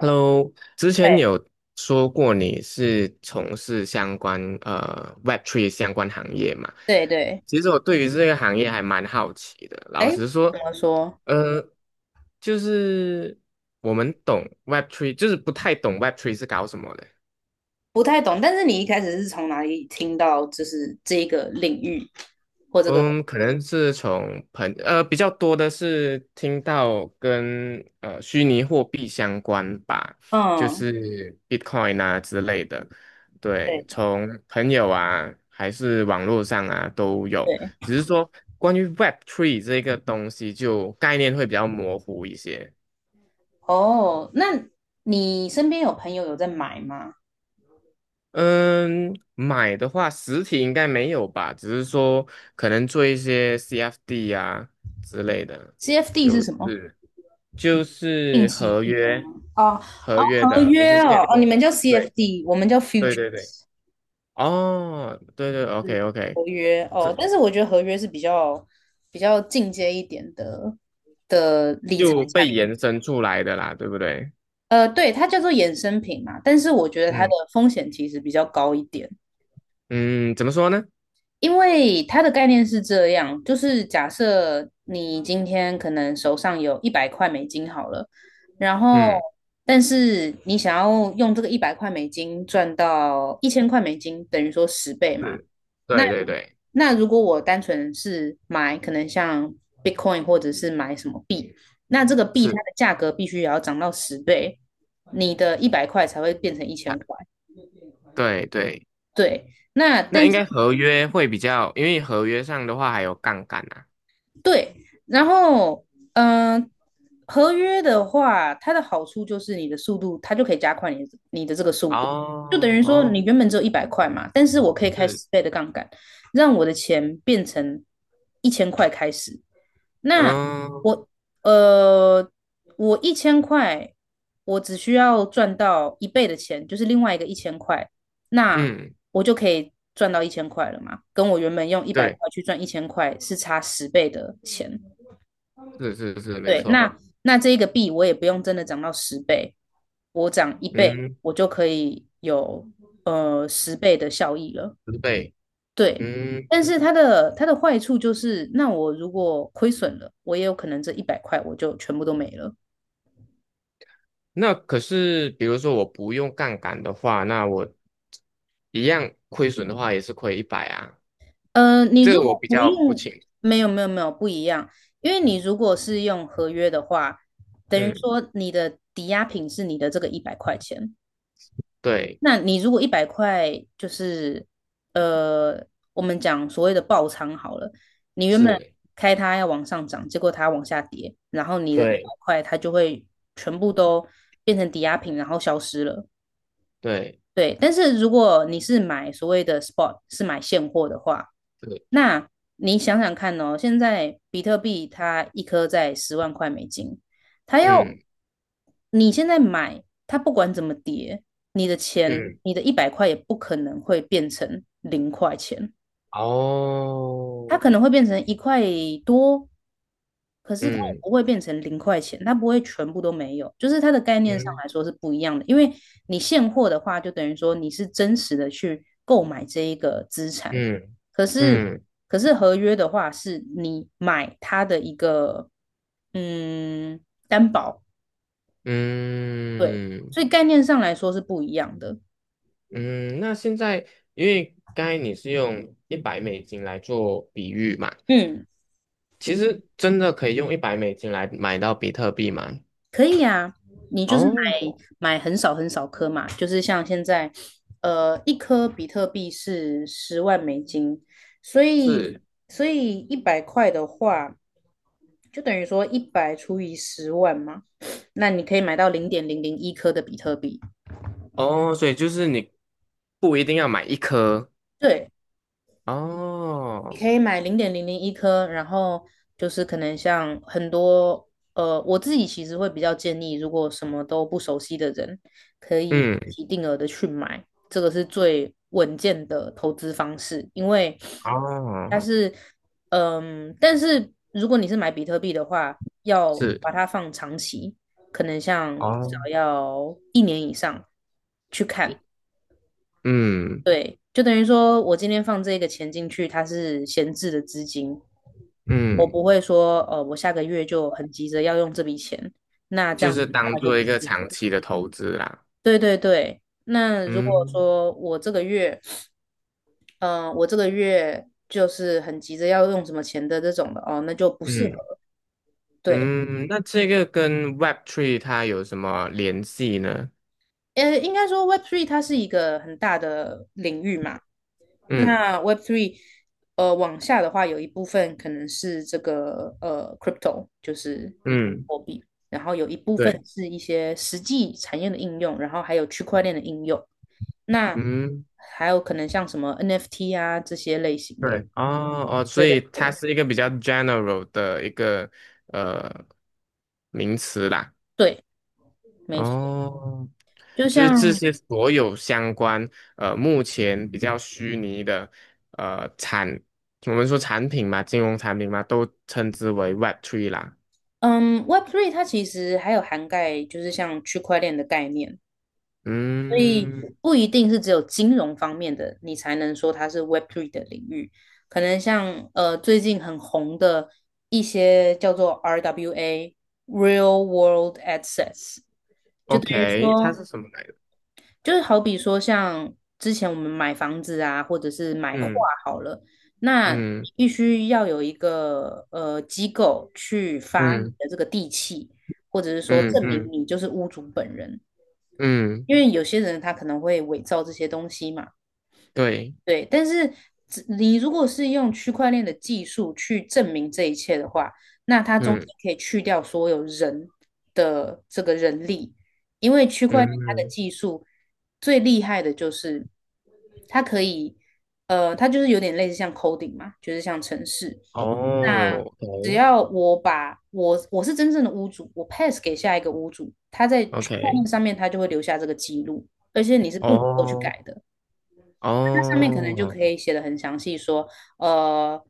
Hello，之前你有说过你是从事相关Web3 相关行业嘛？对对对，其实我对于这个行业还蛮好奇的。哎，老实说，怎么说？呃，就是我们懂 Web3，就是不太懂 Web3 是搞什么的。不太懂。但是你一开始是从哪里听到，就是这个领域或这个？嗯，可能是从比较多的是听到跟虚拟货币相关吧，就嗯，是 Bitcoin 啊之类的。对，对从朋友啊还是网络上啊都有，对。只是说关于 Web3 这个东西就概念会比较模糊一些。哦，那你身边有朋友有在买吗嗯，买的话实体应该没有吧，只是说可能做一些 CFD 啊之类的，？CFD 是就什么？是。就定是期合定额吗？约，哦哦，合约合的，不是约哦现哦，你货。们叫 对，CFD，我们叫 对对对。futures，哦，对对，OK 是 OK，合约哦。这但是我觉得合约是比较进阶一点的理财就被产品。延伸出来的啦，对不对？对，它叫做衍生品嘛，但是我觉得它的嗯风险其实比较高一点，嗯，怎么说呢？因为它的概念是这样，就是假设你今天可能手上有一百块美金好了，然后嗯，但是你想要用这个一百块美金赚到$1000，等于说十倍嘛。是，那。对对对，那如果我单纯是买，可能像 Bitcoin 或者是买什么币，那这个币它是，的价格必须也要涨到十倍，你的一百块才会变成一千啊，块。对对。对，那那但应是该合约会比较，因为合约上的话还有杠杆啊。对，然后嗯、呃合约的话，它的好处就是你的速度，它就可以加快你的这个速度，就等哦于说你哦，原本只有一百块嘛，但是我可以开是，十倍的杠杆，让我的钱变成一千块开始。那嗯我呃，我一千块，我只需要赚到一倍的钱，就是另外一个一千块，那嗯，我就可以赚到一千块了嘛？跟我原本用一百块对，去赚一千块是差十倍的钱。是是是，没对，错。那这一个币我也不用真的涨到十倍，我涨一倍，嗯，我就可以有十倍的效益了。对，对，嗯。但是它的坏处就是，那我如果亏损了，我也有可能这一百块我就全部都没了。那可是比如说我不用杠杆的话，那我一样亏损的话也是亏一百啊，你这如个我果比不较不用，清。没有没有没有不一样，因为你如果是用合约的话，等于嗯，说你的抵押品是你的这个100块钱，对，那你如果一百块，就是呃，我们讲所谓的爆仓好了，你原本是，开它要往上涨，结果它往下跌，然后你的一百对，块它就会全部都变成抵押品，然后消失了。对，对，但是如果你是买所谓的 spot，是买现货的话，对，那你想想看哦，现在比特币它一颗在$100,000，它要嗯你现在买，它不管怎么跌，你的钱，嗯，你的一百块也不可能会变成零块钱，哦，它可能会变成一块多，可是它也嗯不会变成零块钱，它不会全部都没有，就是它的概念上嗯来说是不一样的。因为你现货的话，就等于说你是真实的去购买这一个资产，嗯可是嗯可是合约的话，是你买它的一个嗯担保，对，嗯所以概念上来说是不一样的。嗯，那现在因为刚才你是用一百美金来做比喻嘛，嗯，其实真的可以用一百美金来买到比特币吗？可以啊，你就是买哦，买很少很少颗嘛，就是像现在，一颗比特币是$100,000，所以是。所以一百块的话，就等于说100除以100,000嘛，那你可以买到零点零零一颗的比特币。哦，所以就是你不一定要买一颗对，你哦，可以买零点零零一颗，然后就是可能像很多我自己其实会比较建议，如果什么都不熟悉的人，可以嗯，一定额的去买，这个是最稳健的投资方式，因为它哦，是但是如果你是买比特币的话，要是把它放长期，可能像至少哦，要1年以上去看。一嗯对，就等于说我今天放这个钱进去，它是闲置的资金，我嗯，不会说，我下个月就很急着要用这笔钱，那这就样子是的当话就做不一适个长合。期的投资啦，对对对，那如果嗯说我这个月就是很急着要用什么钱的这种的，哦，那就不适嗯合。对，嗯，那这个跟 Web3 它有什么联系呢？应该说 w e b Three 它是一个很大的领域嘛。嗯那 Web Three，往下的话有一部分可能是这个crypto，就是嗯，货币，然后一部分对，是一些实际产业的应用，然后还有区块链的应用，那嗯还有可能像什么 NFT 啊这些类型对，的。哦哦，所对对以它对是一个比较 general 的一个呃名词啦。对，没错，哦，就就是这像些所有相关，目前比较虚拟的，呃，产，我们说产品嘛，金融产品嘛，都称之为 w e b Three 啦。嗯 Web Three 它其实还有涵盖就是像区块链的概念，所以嗯不一定是只有金融方面的，你才能说它是 Web Three 的领域。可能像最近很红的一些叫做 RWA Real World a s s e t s 就等于，OK，它说，是什么来着？就是好比说像之前我们买房子啊，或者是买画嗯好了，那嗯必须要有一个机构去发你嗯的这个地契，或者是说嗯证明嗯你就是屋主本人。嗯，因为有些人他可能会伪造这些东西嘛。对，对，但是只你如果是用区块链的技术去证明这一切的话，那它中间嗯可以去掉所有人的这个人力，因为区块链它的嗯，技术最厉害的就是它可以，它就是有点类似像 coding 嘛，就是像程式。嗯那哦只，OK 要我把我我是真正的屋主，我 pass 给下一个屋主，他在区块链 OK，上面他就会留下这个记录，而且你是不能够去哦改的。上面可能就哦，可以写的很详细说，呃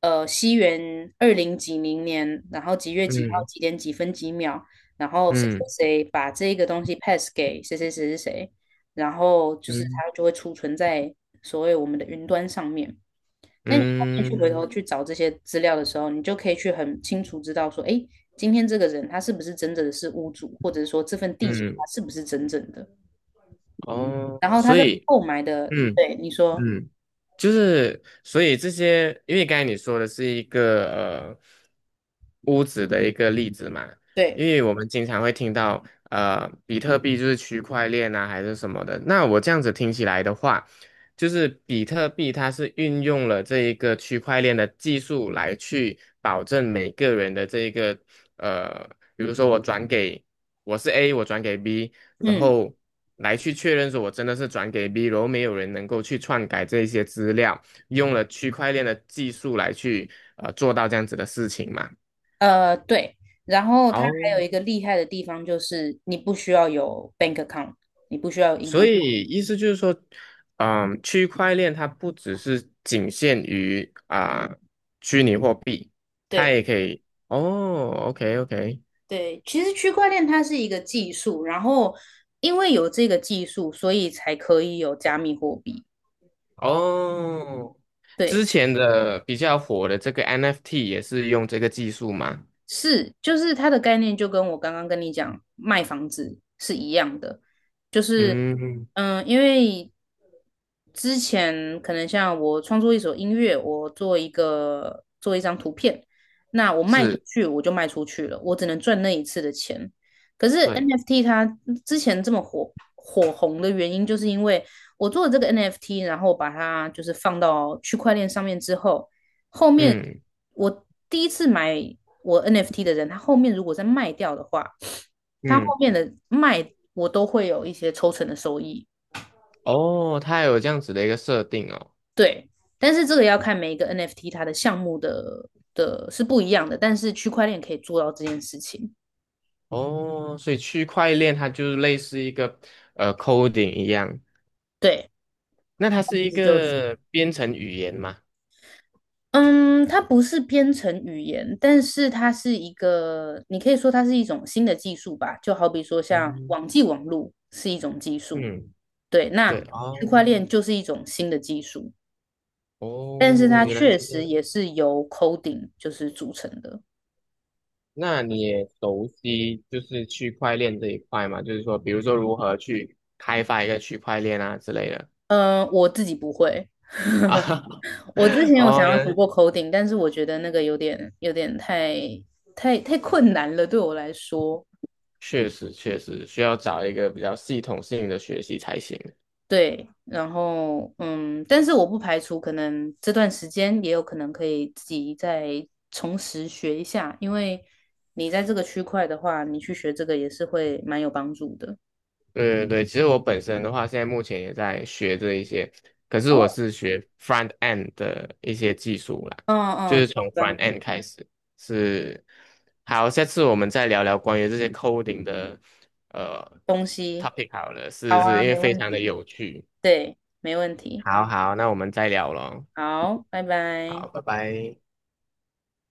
西元二零几零年，然后几月几号嗯几点几分几秒，然后谁嗯谁谁把这个东西 pass 给谁谁谁谁谁，然后就是嗯它就会储存在所谓我们的云端上面。那你后面去回头嗯去找这些资料的时候，你就可以去很清楚知道说，哎，今天这个人他是不是真正的是屋主，或者是说这份地契嗯，他是不是真正的，哦，然后他所在以。购买的，嗯对你说，嗯，就是所以这些，因为刚才你说的是一个屋子的一个例子嘛，对，因为我们经常会听到比特币就是区块链啊还是什么的，那我这样子听起来的话，就是比特币它是运用了这一个区块链的技术来去保证每个人的这一个呃，比如说我转给。我是 A，我转给 B，然嗯。后来去确认说我真的是转给 B，然后没有人能够去篡改这些资料，用了区块链的技术来去做到这样子的事情嘛。对，然后它还有哦，一个厉害的地方就是你不需要有 bank account，你不需要有银所行。以意思就是说，嗯，区块链它不只是仅限于啊、虚拟货币，它对也可以哦，OK OK，对，其实区块链它是一个技术，然后因为有这个技术，所以才可以有加密货币。哦，之对，前的比较火的这个 NFT 也是用这个技术嘛，是，就是它的概念就跟我刚刚跟你讲卖房子是一样的，就是嗯因为之前可能像我创作一首音乐，我做一个做一张图片，那我卖出是，去我就卖出去了，我只能赚那一次的钱。可是 对，NFT 它之前这么火红的原因，就是因为我做了这个 NFT，然后把它就是放到区块链上面之后。后面嗯我第一次买我 NFT 的人，他后面如果再卖掉的话，他后嗯，面的卖我都会有一些抽成的收益。哦，它有这样子的一个设定哦，对，但是这个要看每一个 NFT 它的项目的是不一样的，但是区块链可以做到这件事情。哦，所以区块链它就是类似一个coding 一样，对，那它是其一实就是。个编程语言嘛？嗯，它不是编程语言，但是它是一个，你可以说它是一种新的技术吧，就好比说像嗯网际网路是一种技术，嗯，对，那对，区块哦链就是一种新的技术，但是哦，它原来确是这实样。也是由 coding 就是组成的。那你也熟悉就是区块链这一块嘛？就是说，比如说如何去开发一个区块链啊之类的我自己不会，啊？我之前有哦，想要原来学是过 coding，但是我觉得那个有点太困难了，对我来说。确实，确实需要找一个比较系统性的学习才行。对，然后但是我不排除可能这段时间也有可能可以自己再重拾学一下，因为你在这个区块的话，你去学这个也是会蛮有帮助的。对对对，其实我本身的话，现在目前也在学这一些，可是哦，我是学 front end 的一些技术啦，嗯就嗯，是一从 般 front 的 end 开始。是，好，下次我们再聊聊关于这些 coding 的呃 东西。topic 好了，好是是，啊，因为没非问常的题。有趣。对，没问题。好好，那我们再聊咯。好，拜拜。好，拜拜。